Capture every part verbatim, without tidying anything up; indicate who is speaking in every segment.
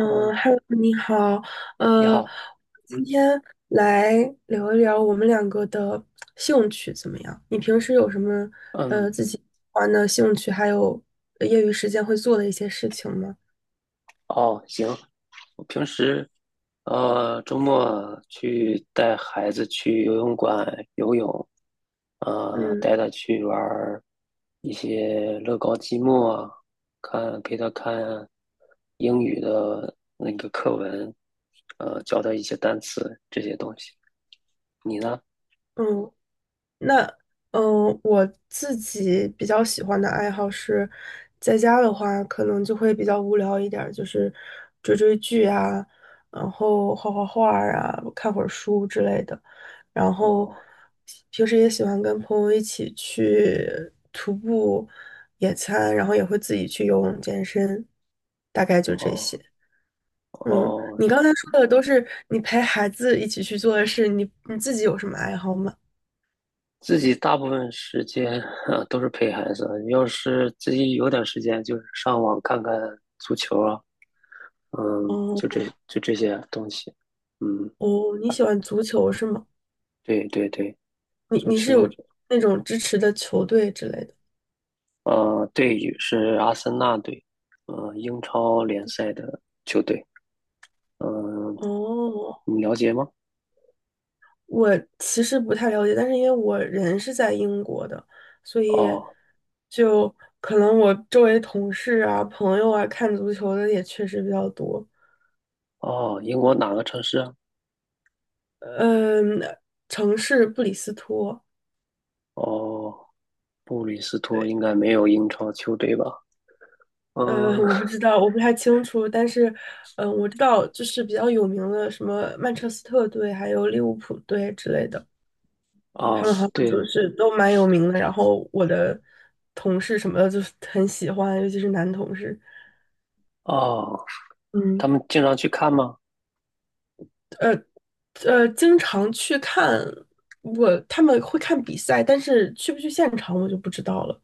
Speaker 1: 哦，
Speaker 2: ，Hello，你好，
Speaker 1: 你
Speaker 2: 呃，
Speaker 1: 好。
Speaker 2: 今天来聊一聊我们两个的兴趣怎么样？你平时有什么
Speaker 1: 嗯，
Speaker 2: 呃自己玩的兴趣，还有呃业余时间会做的一些事情吗？
Speaker 1: 哦，行，我平时呃周末去带孩子去游泳馆游泳。呃，
Speaker 2: 嗯
Speaker 1: 带他去玩儿一些乐高积木啊，看陪他看英语的那个课文。呃，教他一些单词这些东西。你呢？
Speaker 2: 嗯，那嗯，呃我自己比较喜欢的爱好是，在家的话可能就会比较无聊一点儿，就是追追剧啊，然后画画画儿啊，看会儿书之类的。然后
Speaker 1: 哦
Speaker 2: 平时也喜欢跟朋友一起去徒步、野餐，然后也会自己去游泳、健身，大概就这
Speaker 1: 哦
Speaker 2: 些。嗯，
Speaker 1: 哦，
Speaker 2: 你刚才说的都是你陪孩子一起去做的事，你你自己有什么爱好吗？
Speaker 1: 自己大部分时间啊都是陪孩子，要是自己有点时间，就是上网看看足球啊。嗯，就这就这些东西。嗯，
Speaker 2: 哦，你喜欢足球是吗？
Speaker 1: 对对对，
Speaker 2: 你
Speaker 1: 足
Speaker 2: 你是有
Speaker 1: 球。
Speaker 2: 那种支持的球队之类的？
Speaker 1: 呃，队宇是阿森纳队。呃，英超联赛的球队。嗯、
Speaker 2: 哦，
Speaker 1: 你了解吗？
Speaker 2: 我其实不太了解，但是因为我人是在英国的，所以
Speaker 1: 哦
Speaker 2: 就可能我周围同事啊、朋友啊看足球的也确实比较多。
Speaker 1: 哦，英国哪个城市啊？
Speaker 2: 嗯，城市布里斯托，
Speaker 1: 哦，布里斯托
Speaker 2: 对，
Speaker 1: 应该没有英超球队吧？
Speaker 2: 呃，
Speaker 1: 嗯，
Speaker 2: 我不知道，我不太清楚，但是，嗯，我知道就是比较有名的什么曼彻斯特队，还有利物浦队之类的。
Speaker 1: 哦，
Speaker 2: 他们好像就
Speaker 1: 对，
Speaker 2: 是都蛮有名的，然后我的同事什么的就是很喜欢，尤其是男同事，
Speaker 1: 哦，他
Speaker 2: 嗯，
Speaker 1: 们经常去看吗？
Speaker 2: 呃呃，经常去看我他们会看比赛，但是去不去现场我就不知道了。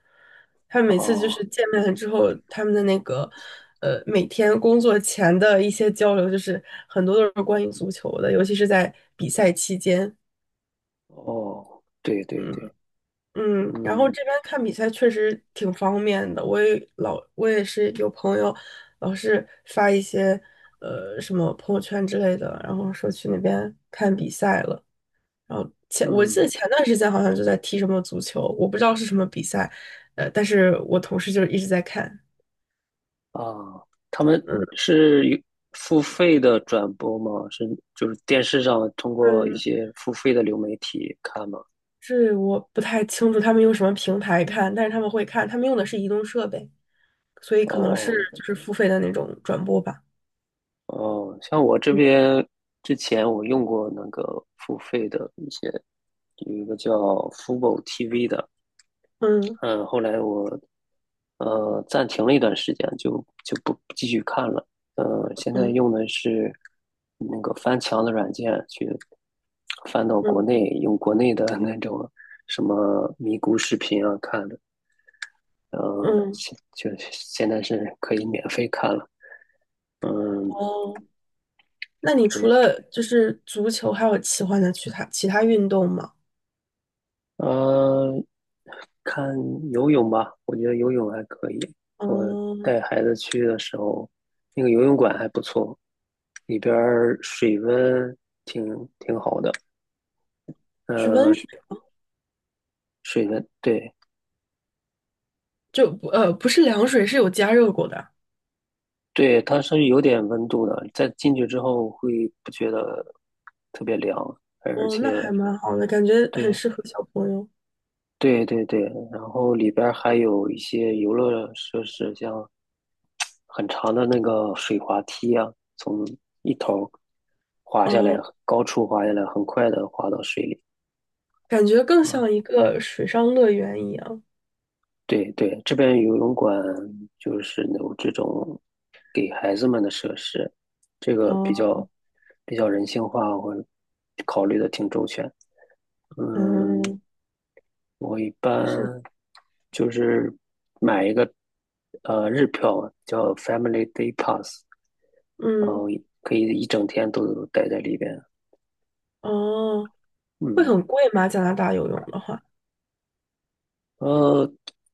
Speaker 2: 他们每次就
Speaker 1: 哦
Speaker 2: 是见面了之后，他们的那个呃每天工作前的一些交流，就是很多都是关于足球的，尤其是在比赛期间。
Speaker 1: 哦，对对
Speaker 2: 嗯。
Speaker 1: 对，
Speaker 2: 嗯，然后
Speaker 1: 嗯
Speaker 2: 这边看比赛确实挺方便的，我也老我也是有朋友老是发一些呃什么朋友圈之类的，然后说去那边看比赛了。然后前我记得
Speaker 1: 嗯
Speaker 2: 前段时间好像就在踢什么足球，我不知道是什么比赛，呃，但是我同事就是一直在看。
Speaker 1: 啊，他们
Speaker 2: 嗯
Speaker 1: 是有付费的转播吗？是就是电视上通过一
Speaker 2: 嗯，
Speaker 1: 些付费的流媒体看吗？
Speaker 2: 这我不太清楚他们用什么平台看，但是他们会看，他们用的是移动设备，所以可能是
Speaker 1: 哦
Speaker 2: 就是付费的那种转播吧。
Speaker 1: 哦，像我这
Speaker 2: 嗯
Speaker 1: 边之前我用过那个付费的一些，有一个叫 Fubo T V 的。
Speaker 2: 嗯
Speaker 1: 嗯，后来我呃，暂停了一段时间，就就不不继续看了。呃，现在
Speaker 2: 嗯。
Speaker 1: 用的是那个翻墙的软件去翻到国
Speaker 2: 嗯
Speaker 1: 内，用国内的那种什么咪咕视频啊看的。呃，
Speaker 2: 嗯
Speaker 1: 现就现在是可以免费看了。嗯，
Speaker 2: 哦，那你除
Speaker 1: 对。
Speaker 2: 了就是足球，还有喜欢的其他其他运动吗？
Speaker 1: 呃，看游泳吧，我觉得游泳还可以。我
Speaker 2: 嗯，
Speaker 1: 带孩子去的时候，那个游泳馆还不错，里边儿水温挺挺好的。
Speaker 2: 是温
Speaker 1: 呃，
Speaker 2: 水，
Speaker 1: 水的，对
Speaker 2: 就不呃不是凉水，是有加热过的。
Speaker 1: 对，它是有点温度的，在进去之后会不觉得特别凉，而
Speaker 2: 哦，那还
Speaker 1: 且
Speaker 2: 蛮好的，感觉很
Speaker 1: 对
Speaker 2: 适合小朋友。
Speaker 1: 对对对，然后里边儿还有一些游乐设施，像很长的那个水滑梯啊，从一头儿滑下来，
Speaker 2: 哦，
Speaker 1: 高处滑下来，很快的滑到水里。
Speaker 2: 感觉更像
Speaker 1: 啊
Speaker 2: 一个水上乐园一样。
Speaker 1: 对对，这边游泳馆就是有这种给孩子们的设施，这个比
Speaker 2: 哦，
Speaker 1: 较比较人性化，我考虑的挺周全。嗯，
Speaker 2: 嗯，
Speaker 1: 我一
Speaker 2: 确实，
Speaker 1: 般就是买一个呃日票嘛叫 Family Day Pass。然后
Speaker 2: 嗯，
Speaker 1: 可以一整天都待在里边。
Speaker 2: 哦，会
Speaker 1: 嗯，
Speaker 2: 很贵吗？加拿大游泳的话，
Speaker 1: 呃，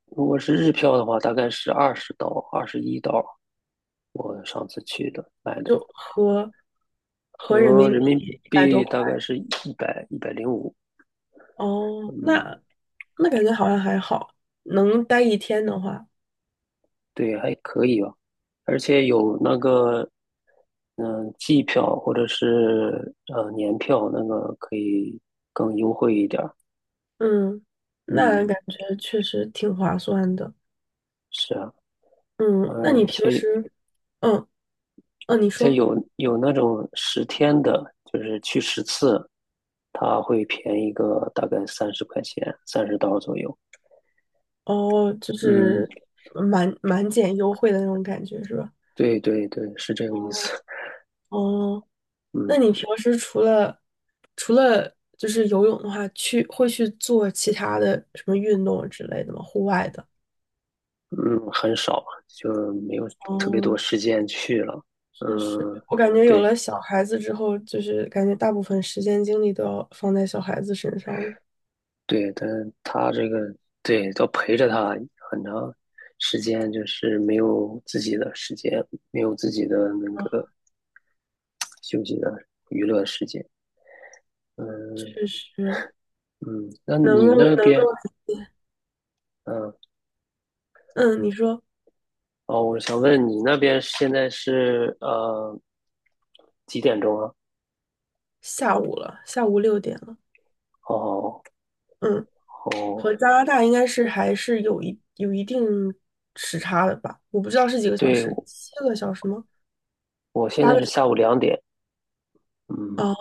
Speaker 1: 如果是日票的话，大概是二十刀，二十一刀。我上次去的买的。
Speaker 2: 就合合人
Speaker 1: 和
Speaker 2: 民
Speaker 1: 人
Speaker 2: 币
Speaker 1: 民
Speaker 2: 一百多
Speaker 1: 币
Speaker 2: 块。
Speaker 1: 大概是一百一百零五，
Speaker 2: 哦，
Speaker 1: 嗯，
Speaker 2: 那那感觉好像还好，能待一天的话，
Speaker 1: 对，还可以吧。而且有那个，嗯、季票或者是呃年票，那个可以更优惠一点儿。
Speaker 2: 嗯，那
Speaker 1: 嗯，
Speaker 2: 感觉确实挺划算的。
Speaker 1: 是啊，
Speaker 2: 嗯，那你
Speaker 1: 而
Speaker 2: 平
Speaker 1: 且
Speaker 2: 时，嗯嗯，你
Speaker 1: 而且
Speaker 2: 说，
Speaker 1: 有有那种十天的，就是去十次，它会便宜个大概三十块钱，三十刀左右。
Speaker 2: 哦，就
Speaker 1: 嗯，
Speaker 2: 是满满减优惠的那种感觉是吧？
Speaker 1: 对对对，是这个意思。
Speaker 2: 哦哦，那
Speaker 1: 嗯。
Speaker 2: 你平时除了除了就是游泳的话，去会去做其他的什么运动之类的吗？户外的？
Speaker 1: 嗯，很少，就没有特别多
Speaker 2: 哦
Speaker 1: 时间去了。
Speaker 2: 确实，
Speaker 1: 嗯，
Speaker 2: 我感觉有
Speaker 1: 对
Speaker 2: 了小孩子之后，就是感觉大部分时间精力都要放在小孩子身上了。
Speaker 1: 对，但是他这个对都陪着他很长时间，就是没有自己的时间，没有自己的那个休息的娱乐时间。嗯
Speaker 2: 确实，
Speaker 1: 嗯，那
Speaker 2: 能
Speaker 1: 你
Speaker 2: 够
Speaker 1: 那
Speaker 2: 能够，
Speaker 1: 边，嗯，
Speaker 2: 嗯，你说
Speaker 1: 哦，我想问你那边现在是呃几点钟啊？
Speaker 2: 下午了，下午六点了，
Speaker 1: 哦
Speaker 2: 嗯，
Speaker 1: 哦，
Speaker 2: 和加拿大应该是还是有一有一定时差的吧？我不知道是几个小
Speaker 1: 对，
Speaker 2: 时，七个小时吗？
Speaker 1: 我现
Speaker 2: 八
Speaker 1: 在
Speaker 2: 个
Speaker 1: 是
Speaker 2: 小时？
Speaker 1: 下午两点。嗯，
Speaker 2: 哦，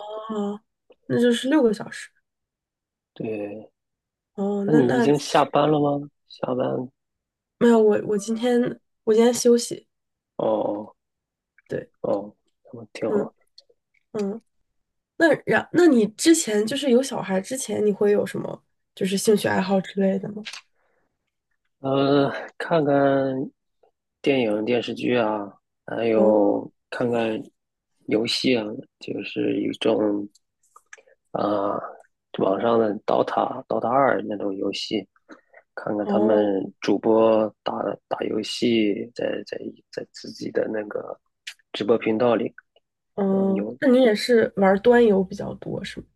Speaker 2: 那就是六个小时。
Speaker 1: 对。
Speaker 2: 哦，
Speaker 1: 那
Speaker 2: 那
Speaker 1: 你已
Speaker 2: 那其
Speaker 1: 经下班
Speaker 2: 实
Speaker 1: 了吗？下班
Speaker 2: 没有，我我今天我今天休息，
Speaker 1: 哦
Speaker 2: 对，
Speaker 1: 哦，那挺
Speaker 2: 嗯
Speaker 1: 好。
Speaker 2: 嗯。那然，那你之前就是有小孩之前，你会有什么就是兴趣爱好之类的吗？
Speaker 1: 呃，看看电影、电视剧啊，还
Speaker 2: 哦
Speaker 1: 有看看游戏啊，就是一种啊、网上的 DOTA、DOTA 二那种游戏，看看他们
Speaker 2: 哦
Speaker 1: 主播打打游戏在，在在自己的那个直播频道里。嗯、
Speaker 2: 哦，
Speaker 1: 有。
Speaker 2: 那你也是玩端游比较多是吗？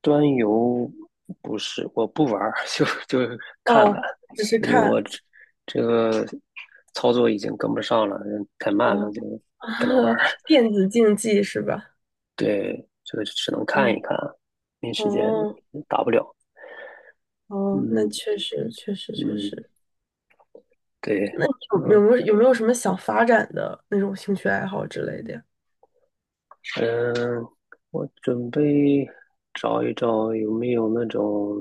Speaker 1: 端游不是，我不玩儿，就就是看
Speaker 2: 哦，
Speaker 1: 看。
Speaker 2: 只是
Speaker 1: 因为我
Speaker 2: 看
Speaker 1: 这这个操作已经跟不上了，太慢了，
Speaker 2: 哦，
Speaker 1: 就不能玩 儿。
Speaker 2: 电子竞技是吧？
Speaker 1: 对，这个只能看一
Speaker 2: 嗯，
Speaker 1: 看啊，没时间，
Speaker 2: 哦
Speaker 1: 打不了。
Speaker 2: 哦，那
Speaker 1: 嗯
Speaker 2: 确实确实确
Speaker 1: 嗯，
Speaker 2: 实。
Speaker 1: 对，
Speaker 2: 那你
Speaker 1: 然
Speaker 2: 有有
Speaker 1: 后
Speaker 2: 没有有没有什么想发展的那种兴趣爱好之类的呀？
Speaker 1: 嗯，我准备找一找有没有那种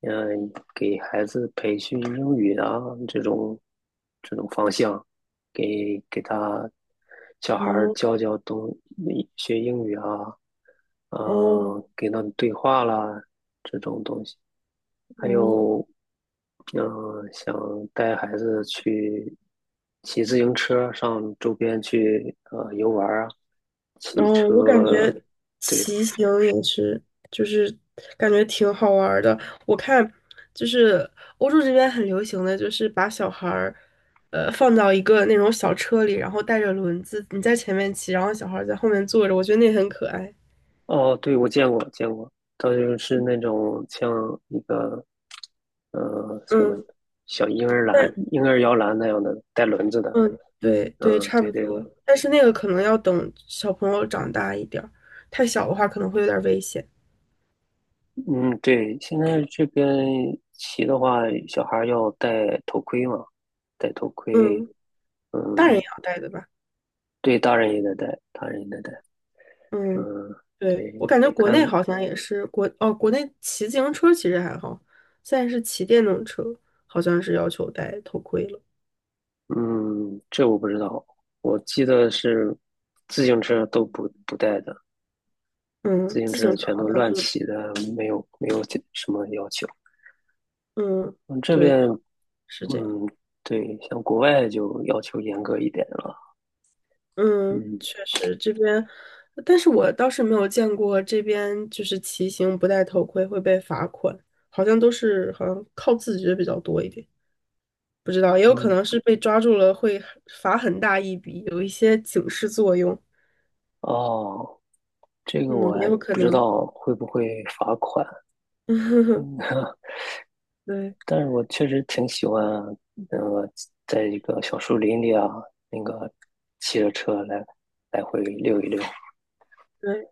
Speaker 1: 嗯，给孩子培训英语啊，这种这种方向，给给他小孩儿教
Speaker 2: 哦
Speaker 1: 教东学英语啊，
Speaker 2: 哦
Speaker 1: 呃，给他们对话啦这种东西，还
Speaker 2: 哦，
Speaker 1: 有嗯、呃想带孩子去骑自行车上周边去呃游玩儿啊，骑
Speaker 2: 嗯，我感
Speaker 1: 车，
Speaker 2: 觉
Speaker 1: 对，
Speaker 2: 骑行也是，就是感觉挺好玩儿的。我看就是欧洲这边很流行的就是把小孩儿，呃，放到一个那种小车里，然后带着轮子，你在前面骑，然后小孩儿在后面坐着，我觉得那很可爱。
Speaker 1: 哦，对，我见过见过。它就是那种像一个嗯，什么
Speaker 2: 嗯，
Speaker 1: 小婴儿篮、
Speaker 2: 但
Speaker 1: 婴儿摇篮那样的，带轮子的。
Speaker 2: 嗯，对对，
Speaker 1: 嗯，
Speaker 2: 差
Speaker 1: 对
Speaker 2: 不
Speaker 1: 对，
Speaker 2: 多。但是那个可能要等小朋友长大一点儿，太小的话可能会有点儿危险。
Speaker 1: 嗯，对，现在这边骑的话，小孩儿要戴头盔嘛，戴头盔，
Speaker 2: 嗯，大人也
Speaker 1: 嗯，
Speaker 2: 要带的吧？
Speaker 1: 对，大人也得戴，大人也得戴，
Speaker 2: 嗯。
Speaker 1: 嗯，
Speaker 2: 对，我
Speaker 1: 对，
Speaker 2: 感觉国
Speaker 1: 看，
Speaker 2: 内好像也是国哦，国内骑自行车其实还好，现在是骑电动车，好像是要求戴头盔了。
Speaker 1: 嗯，这我不知道，我记得是自行车都不不带的，自
Speaker 2: 嗯，
Speaker 1: 行
Speaker 2: 自
Speaker 1: 车
Speaker 2: 行车
Speaker 1: 全
Speaker 2: 好
Speaker 1: 都
Speaker 2: 像
Speaker 1: 乱
Speaker 2: 是，
Speaker 1: 骑的，没有没有什么要求。
Speaker 2: 嗯，
Speaker 1: 嗯，这
Speaker 2: 对，
Speaker 1: 边
Speaker 2: 好是这样。
Speaker 1: 嗯，对，像国外就要求严格一点了。
Speaker 2: 嗯，
Speaker 1: 嗯
Speaker 2: 确实这边，但是我倒是没有见过这边就是骑行不戴头盔会被罚款，好像都是好像靠自觉比较多一点。不知道，也有可
Speaker 1: 嗯，
Speaker 2: 能是被抓住了会罚很大一笔，有一些警示作用。
Speaker 1: 哦，这个
Speaker 2: 嗯，
Speaker 1: 我
Speaker 2: 也
Speaker 1: 还
Speaker 2: 有可
Speaker 1: 不知
Speaker 2: 能。
Speaker 1: 道会不会罚款。嗯，
Speaker 2: 对。
Speaker 1: 但是我确实挺喜欢，呃，在一个小树林里啊，那个骑着车来来回溜一溜。
Speaker 2: 对，